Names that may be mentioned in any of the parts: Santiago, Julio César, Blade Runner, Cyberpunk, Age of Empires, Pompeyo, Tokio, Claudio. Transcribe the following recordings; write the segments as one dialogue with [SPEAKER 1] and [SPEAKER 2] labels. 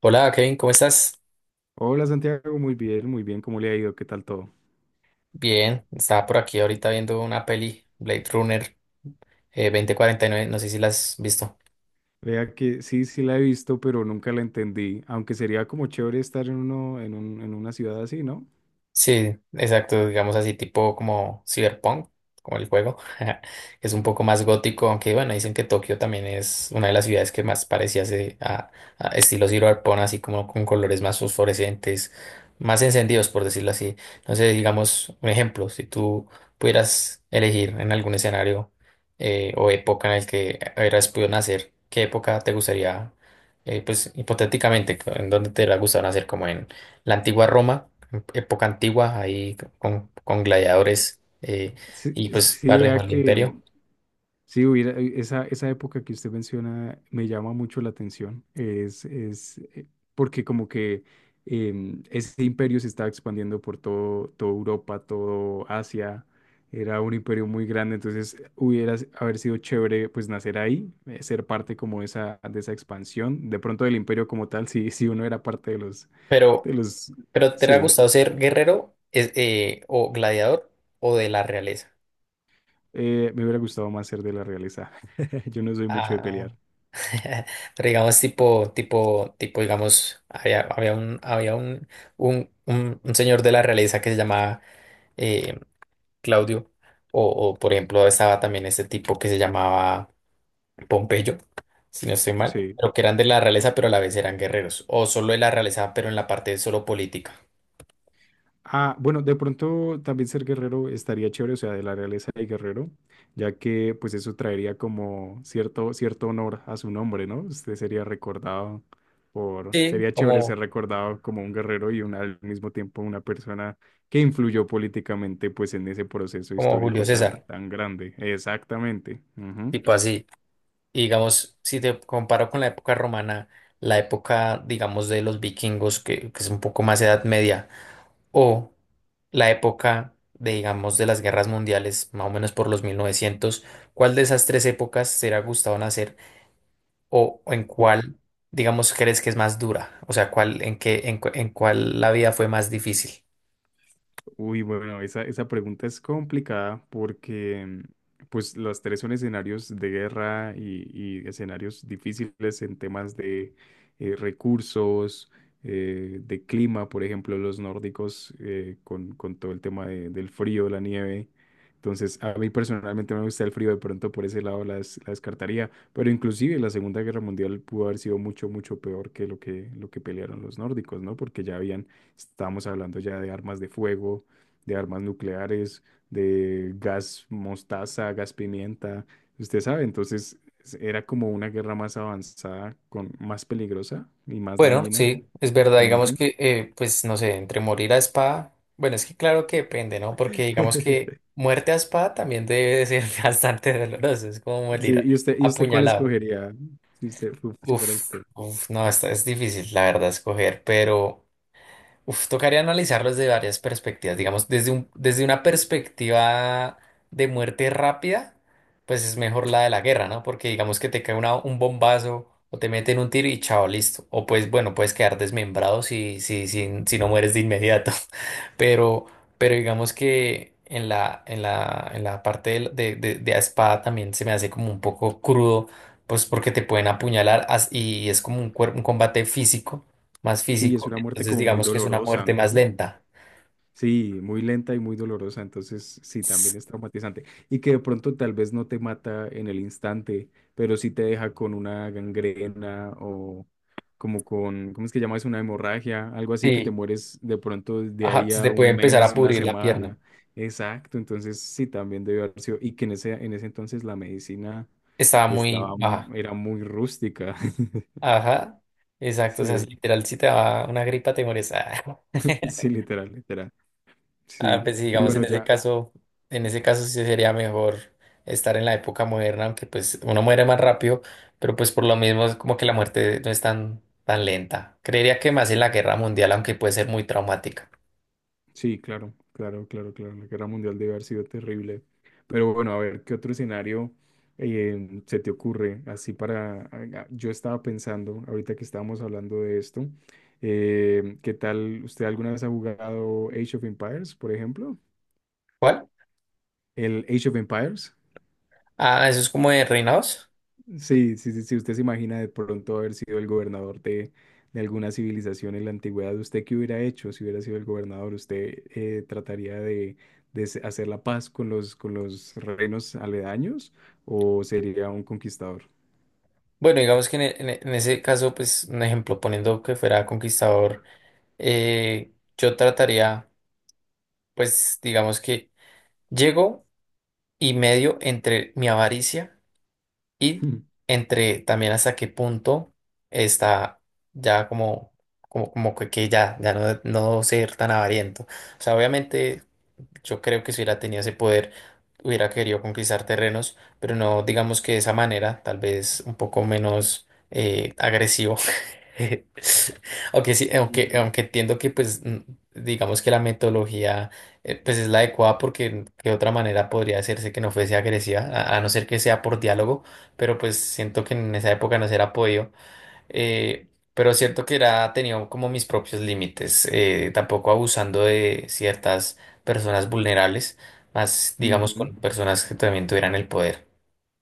[SPEAKER 1] Hola Kevin, ¿cómo estás?
[SPEAKER 2] Hola Santiago, muy bien, ¿cómo le ha ido? ¿Qué tal todo?
[SPEAKER 1] Bien, estaba por aquí ahorita viendo una peli, Blade Runner 2049, no sé si la has visto.
[SPEAKER 2] Vea que sí, sí la he visto, pero nunca la entendí, aunque sería como chévere estar en uno, en un, en una ciudad así, ¿no?
[SPEAKER 1] Sí, exacto, digamos así, tipo como Cyberpunk, como el juego. Es un poco más gótico, aunque bueno, dicen que Tokio también es una de las ciudades que más parecía a estilo Cyberpunk, así como con colores más fosforescentes, más encendidos, por decirlo así. Entonces, digamos, un ejemplo, si tú pudieras elegir en algún escenario o época en el que hubieras podido nacer, ¿qué época te gustaría, pues hipotéticamente, en dónde te hubiera gustado nacer, como en la antigua Roma? Época antigua, ahí con gladiadores
[SPEAKER 2] Sí,
[SPEAKER 1] y pues va a
[SPEAKER 2] sí, vea
[SPEAKER 1] reinar el
[SPEAKER 2] que
[SPEAKER 1] imperio.
[SPEAKER 2] sí, hubiera, esa época que usted menciona me llama mucho la atención. Es porque como que ese imperio se estaba expandiendo por toda Europa, todo Asia. Era un imperio muy grande, entonces haber sido chévere pues nacer ahí, ser parte como de esa expansión. De pronto del imperio como tal, si uno era parte de
[SPEAKER 1] Pero,
[SPEAKER 2] los,
[SPEAKER 1] pero ¿te ha
[SPEAKER 2] sí,
[SPEAKER 1] gustado ser guerrero o gladiador o de la realeza?
[SPEAKER 2] me hubiera gustado más ser de la realeza. Yo no soy mucho de
[SPEAKER 1] Ah,
[SPEAKER 2] pelear.
[SPEAKER 1] pero digamos tipo, digamos, había un señor de la realeza que se llamaba eh, Claudio, o, o, por ejemplo estaba también este tipo que se llamaba Pompeyo, si no estoy mal,
[SPEAKER 2] Sí.
[SPEAKER 1] pero que eran de la realeza, pero a la vez eran guerreros, o solo de la realeza, pero en la parte solo política.
[SPEAKER 2] Ah, bueno, de pronto también ser guerrero estaría chévere, o sea, de la realeza de guerrero, ya que pues eso traería como cierto honor a su nombre, ¿no? Usted sería
[SPEAKER 1] Sí,
[SPEAKER 2] sería chévere ser
[SPEAKER 1] como,
[SPEAKER 2] recordado como un guerrero y al mismo tiempo una persona que influyó políticamente pues en ese proceso
[SPEAKER 1] como Julio
[SPEAKER 2] histórico
[SPEAKER 1] César,
[SPEAKER 2] tan grande. Exactamente. Ujú.
[SPEAKER 1] tipo así. Y digamos, si te comparo con la época romana, la época, digamos, de los vikingos, que es un poco más Edad Media, o la época de, digamos, de las guerras mundiales, más o menos por los 1900. ¿Cuál de esas tres épocas será gustado nacer o en cuál, digamos, crees que es más dura? O sea, cuál, en qué, en, cu- en cuál la vida fue más difícil.
[SPEAKER 2] Uy, bueno, esa pregunta es complicada porque pues las tres son escenarios de guerra y escenarios difíciles en temas de recursos, de clima, por ejemplo, los nórdicos con todo el tema del frío, la nieve. Entonces, a mí personalmente me gusta el frío, de pronto por ese lado la descartaría, pero inclusive la Segunda Guerra Mundial pudo haber sido mucho, mucho peor que lo que pelearon los nórdicos, ¿no? Porque ya habían, estábamos hablando ya de armas de fuego, de armas nucleares, de gas mostaza, gas pimienta, usted sabe, entonces era como una guerra más avanzada, con más peligrosa y más
[SPEAKER 1] Bueno,
[SPEAKER 2] dañina.
[SPEAKER 1] sí, es verdad, digamos
[SPEAKER 2] Ujú.
[SPEAKER 1] que, pues no sé, entre morir a espada, bueno, es que claro que depende, ¿no? Porque digamos que muerte a espada también debe de ser bastante doloroso, es como
[SPEAKER 2] Sí,
[SPEAKER 1] morir a
[SPEAKER 2] ¿y usted cuál
[SPEAKER 1] apuñalado.
[SPEAKER 2] escogería si si fuera
[SPEAKER 1] Uf,
[SPEAKER 2] usted?
[SPEAKER 1] uf, no, esta es difícil, la verdad, escoger, pero... Uf, tocaría analizarlo desde varias perspectivas. Digamos, desde una perspectiva de muerte rápida, pues es mejor la de la guerra, ¿no? Porque digamos que te cae un bombazo o te meten un tiro y chao, listo. O pues, bueno, puedes quedar desmembrado si no mueres de inmediato. Pero, pero digamos que en la parte de a espada también se me hace como un poco crudo, pues porque te pueden apuñalar y es como un combate físico, más
[SPEAKER 2] Sí, es
[SPEAKER 1] físico.
[SPEAKER 2] una muerte
[SPEAKER 1] Entonces
[SPEAKER 2] como muy
[SPEAKER 1] digamos que es una
[SPEAKER 2] dolorosa,
[SPEAKER 1] muerte más
[SPEAKER 2] ¿no?
[SPEAKER 1] lenta.
[SPEAKER 2] Sí, muy lenta y muy dolorosa, entonces sí, también
[SPEAKER 1] S-
[SPEAKER 2] es traumatizante. Y que de pronto tal vez no te mata en el instante, pero sí te deja con una gangrena o como con, ¿cómo es que llamas? Una hemorragia, algo así que te
[SPEAKER 1] Sí,
[SPEAKER 2] mueres de pronto de
[SPEAKER 1] ajá,
[SPEAKER 2] ahí
[SPEAKER 1] se te
[SPEAKER 2] a
[SPEAKER 1] puede
[SPEAKER 2] un
[SPEAKER 1] empezar a
[SPEAKER 2] mes, una
[SPEAKER 1] pudrir la pierna.
[SPEAKER 2] semana. Exacto, entonces sí, también debió haber sido. Y que en en ese entonces la medicina
[SPEAKER 1] Estaba muy baja.
[SPEAKER 2] era muy rústica.
[SPEAKER 1] Ajá, exacto. O sea, si
[SPEAKER 2] Sí,
[SPEAKER 1] literal, si te daba una gripa, te mueres. Ah,
[SPEAKER 2] sí, literal, literal.
[SPEAKER 1] Ah,
[SPEAKER 2] Sí,
[SPEAKER 1] pues sí,
[SPEAKER 2] y
[SPEAKER 1] digamos,
[SPEAKER 2] bueno, ya.
[SPEAKER 1] en ese caso sí sería mejor estar en la época moderna, aunque pues uno muere más rápido, pero pues por lo mismo es como que la muerte no es tan, tan lenta. Creería que más en la guerra mundial, aunque puede ser muy traumática.
[SPEAKER 2] Sí, claro, claro, claro, claro. La guerra mundial debe haber sido terrible. Pero bueno, a ver, ¿qué otro escenario se te ocurre? Así para... ah, yo estaba pensando, ahorita que estábamos hablando de esto, ¿qué tal? ¿Usted alguna vez ha jugado Age of Empires, por ejemplo?
[SPEAKER 1] ¿Cuál?
[SPEAKER 2] El Age of Empires.
[SPEAKER 1] Ah, eso es como de reinados.
[SPEAKER 2] Sí, sí, sí, sí, usted se imagina de pronto haber sido el gobernador de alguna civilización en la antigüedad, ¿usted qué hubiera hecho si hubiera sido el gobernador? ¿Usted trataría de, hacer la paz con los reinos aledaños o sería un conquistador?
[SPEAKER 1] Bueno, digamos que en ese caso, pues un ejemplo, poniendo que fuera conquistador, yo trataría, pues digamos que llego y medio entre mi avaricia y entre también hasta qué punto está ya como que, ya no, no ser tan avariento. O sea, obviamente yo creo que si hubiera tenido ese poder, hubiera querido conquistar terrenos, pero no digamos que de esa manera, tal vez un poco menos agresivo. Aunque sí, aunque, aunque entiendo que pues digamos que la metodología pues es la adecuada porque de otra manera podría hacerse que no fuese agresiva, a no ser que sea por diálogo, pero pues siento que en esa época no se era podido eh, pero es cierto que era, tenía como mis propios límites, tampoco abusando de ciertas personas vulnerables, más digamos
[SPEAKER 2] Ujú.
[SPEAKER 1] con personas que también tuvieran el poder.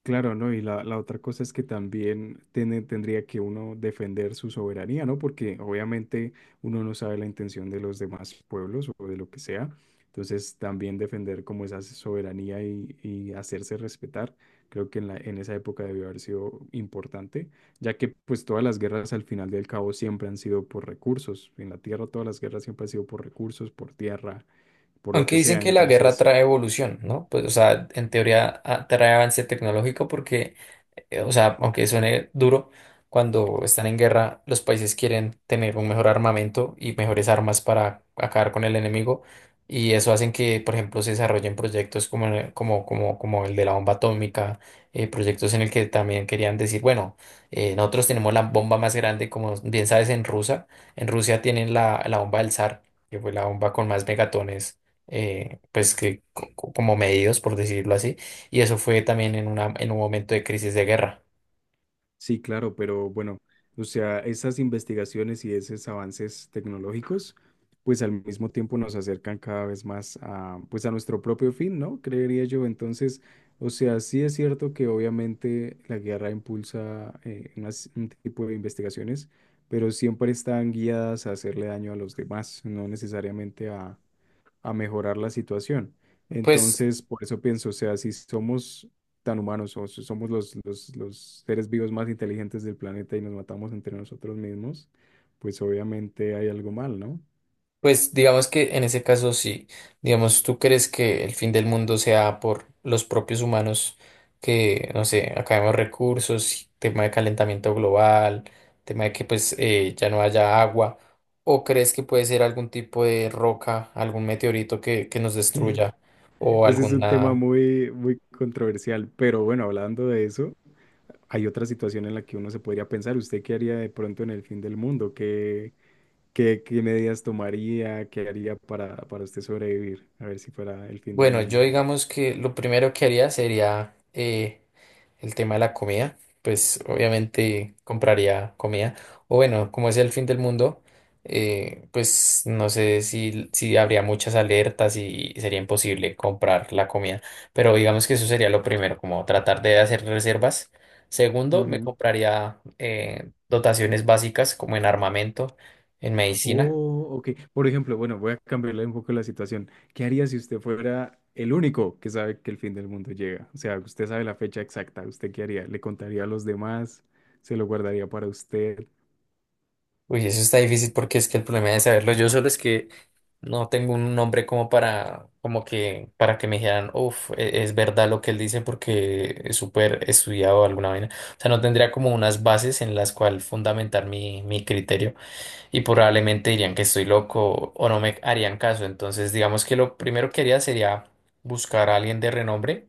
[SPEAKER 2] Claro, ¿no? Y la otra cosa es que también tendría que uno defender su soberanía, ¿no? Porque obviamente uno no sabe la intención de los demás pueblos o de lo que sea. Entonces, también defender como esa soberanía y hacerse respetar, creo que en en esa época debió haber sido importante, ya que pues todas las guerras al final del cabo siempre han sido por recursos. En la tierra todas las guerras siempre han sido por recursos, por tierra, por lo
[SPEAKER 1] Aunque
[SPEAKER 2] que
[SPEAKER 1] dicen
[SPEAKER 2] sea.
[SPEAKER 1] que la guerra
[SPEAKER 2] Entonces...
[SPEAKER 1] trae evolución, ¿no? Pues, o sea, en teoría ah, trae avance tecnológico porque o sea, aunque suene duro, cuando están en guerra, los países quieren tener un mejor armamento y mejores armas para acabar con el enemigo. Y eso hacen que, por ejemplo, se desarrollen proyectos como el de la bomba atómica, proyectos en el que también querían decir, bueno, nosotros tenemos la bomba más grande, como bien sabes, en Rusia. En Rusia tienen la bomba del zar, que fue la bomba con más megatones, pues que como medidos, por decirlo así. Y eso fue también en un momento de crisis de guerra.
[SPEAKER 2] Sí, claro, pero bueno, o sea, esas investigaciones y esos avances tecnológicos, pues al mismo tiempo nos acercan cada vez más a, pues a nuestro propio fin, ¿no? Creería yo. Entonces, o sea, sí es cierto que obviamente la guerra impulsa un tipo de investigaciones, pero siempre están guiadas a hacerle daño a los demás, no necesariamente a mejorar la situación.
[SPEAKER 1] Pues,
[SPEAKER 2] Entonces, por eso pienso, o sea, si somos tan humanos o si somos los seres vivos más inteligentes del planeta y nos matamos entre nosotros mismos, pues obviamente hay algo mal, ¿no?
[SPEAKER 1] pues digamos que en ese caso sí, digamos, ¿tú crees que el fin del mundo sea por los propios humanos que, no sé, acabemos recursos, tema de calentamiento global, tema de que pues ya no haya agua? ¿O crees que puede ser algún tipo de roca, algún meteorito que nos destruya o
[SPEAKER 2] Ese es un tema
[SPEAKER 1] alguna...
[SPEAKER 2] muy, muy controversial, pero bueno, hablando de eso, hay otra situación en la que uno se podría pensar, ¿usted qué haría de pronto en el fin del mundo? ¿Qué, qué, qué medidas tomaría? ¿Qué haría para usted sobrevivir? A ver si fuera el fin del
[SPEAKER 1] Bueno, yo
[SPEAKER 2] mundo.
[SPEAKER 1] digamos que lo primero que haría sería el tema de la comida. Pues obviamente compraría comida. O bueno, como es el fin del mundo, pues no sé si habría muchas alertas y sería imposible comprar la comida. Pero digamos que eso sería lo primero, como tratar de hacer reservas. Segundo, me compraría dotaciones básicas como en armamento, en medicina.
[SPEAKER 2] Oh, ok. Por ejemplo, bueno, voy a cambiarle un poco la situación. ¿Qué haría si usted fuera el único que sabe que el fin del mundo llega? O sea, usted sabe la fecha exacta. ¿Usted qué haría? ¿Le contaría a los demás? ¿Se lo guardaría para usted?
[SPEAKER 1] Uy, eso está difícil porque es que el problema de saberlo yo solo es que no tengo un nombre como para, como que, para que me dijeran, uff, es verdad lo que él dice porque es súper estudiado o alguna vaina. O sea, no tendría como unas bases en las cuales fundamentar mi criterio y probablemente dirían que estoy loco o no me harían caso. Entonces, digamos que lo primero que haría sería buscar a alguien de renombre,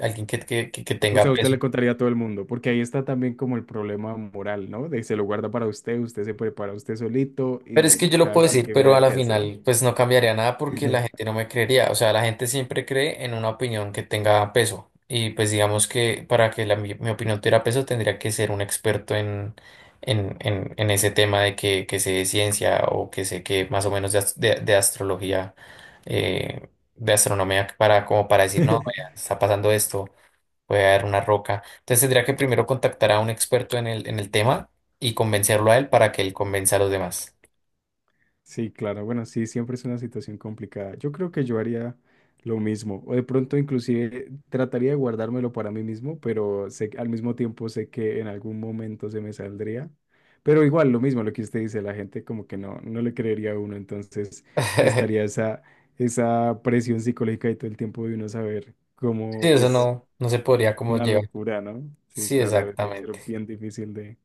[SPEAKER 1] alguien que
[SPEAKER 2] O sea,
[SPEAKER 1] tenga
[SPEAKER 2] usted le
[SPEAKER 1] peso.
[SPEAKER 2] contaría a todo el mundo, porque ahí está también como el problema moral, ¿no? De se lo guarda para usted, usted se prepara usted solito
[SPEAKER 1] Pero es
[SPEAKER 2] y
[SPEAKER 1] que yo lo
[SPEAKER 2] cada
[SPEAKER 1] puedo
[SPEAKER 2] quien
[SPEAKER 1] decir,
[SPEAKER 2] que
[SPEAKER 1] pero a
[SPEAKER 2] verá
[SPEAKER 1] la
[SPEAKER 2] qué hace.
[SPEAKER 1] final pues no cambiaría nada porque la gente no me creería. O sea, la gente siempre cree en una opinión que tenga peso. Y pues digamos que para que mi opinión tuviera peso tendría que ser un experto en ese tema de que sé de ciencia o que sé que más o menos de, de astrología, eh, de astronomía, para, como para decir, no, vaya, está pasando esto, puede haber una roca. Entonces tendría que primero contactar a un experto en en el tema y convencerlo a él para que él convenza a los demás.
[SPEAKER 2] Sí, claro, bueno, sí, siempre es una situación complicada. Yo creo que yo haría lo mismo, o de pronto inclusive trataría de guardármelo para mí mismo, pero sé, al mismo tiempo sé que en algún momento se me saldría. Pero igual, lo mismo, lo que usted dice, la gente como que no, no le creería a uno, entonces estaría esa presión psicológica y todo el tiempo de uno saber
[SPEAKER 1] Sí,
[SPEAKER 2] cómo,
[SPEAKER 1] eso
[SPEAKER 2] pues,
[SPEAKER 1] no, no se podría como
[SPEAKER 2] una
[SPEAKER 1] llevar.
[SPEAKER 2] locura, ¿no? Sí,
[SPEAKER 1] Sí,
[SPEAKER 2] claro, debe ser
[SPEAKER 1] exactamente.
[SPEAKER 2] bien difícil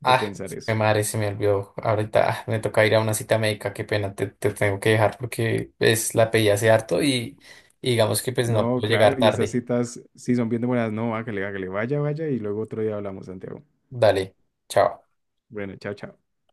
[SPEAKER 2] de
[SPEAKER 1] Ah,
[SPEAKER 2] pensar
[SPEAKER 1] mi
[SPEAKER 2] eso.
[SPEAKER 1] madre se me olvidó. Ahorita ah, me toca ir a una cita médica. Qué pena, te tengo que dejar porque pues, la pedí hace harto y digamos que pues no
[SPEAKER 2] No,
[SPEAKER 1] puedo llegar
[SPEAKER 2] claro, y esas
[SPEAKER 1] tarde.
[SPEAKER 2] citas sí son bien demoradas. No, hágale, hágale, vaya, vaya, y luego otro día hablamos, Santiago.
[SPEAKER 1] Dale, chao.
[SPEAKER 2] Bueno, chao, chao.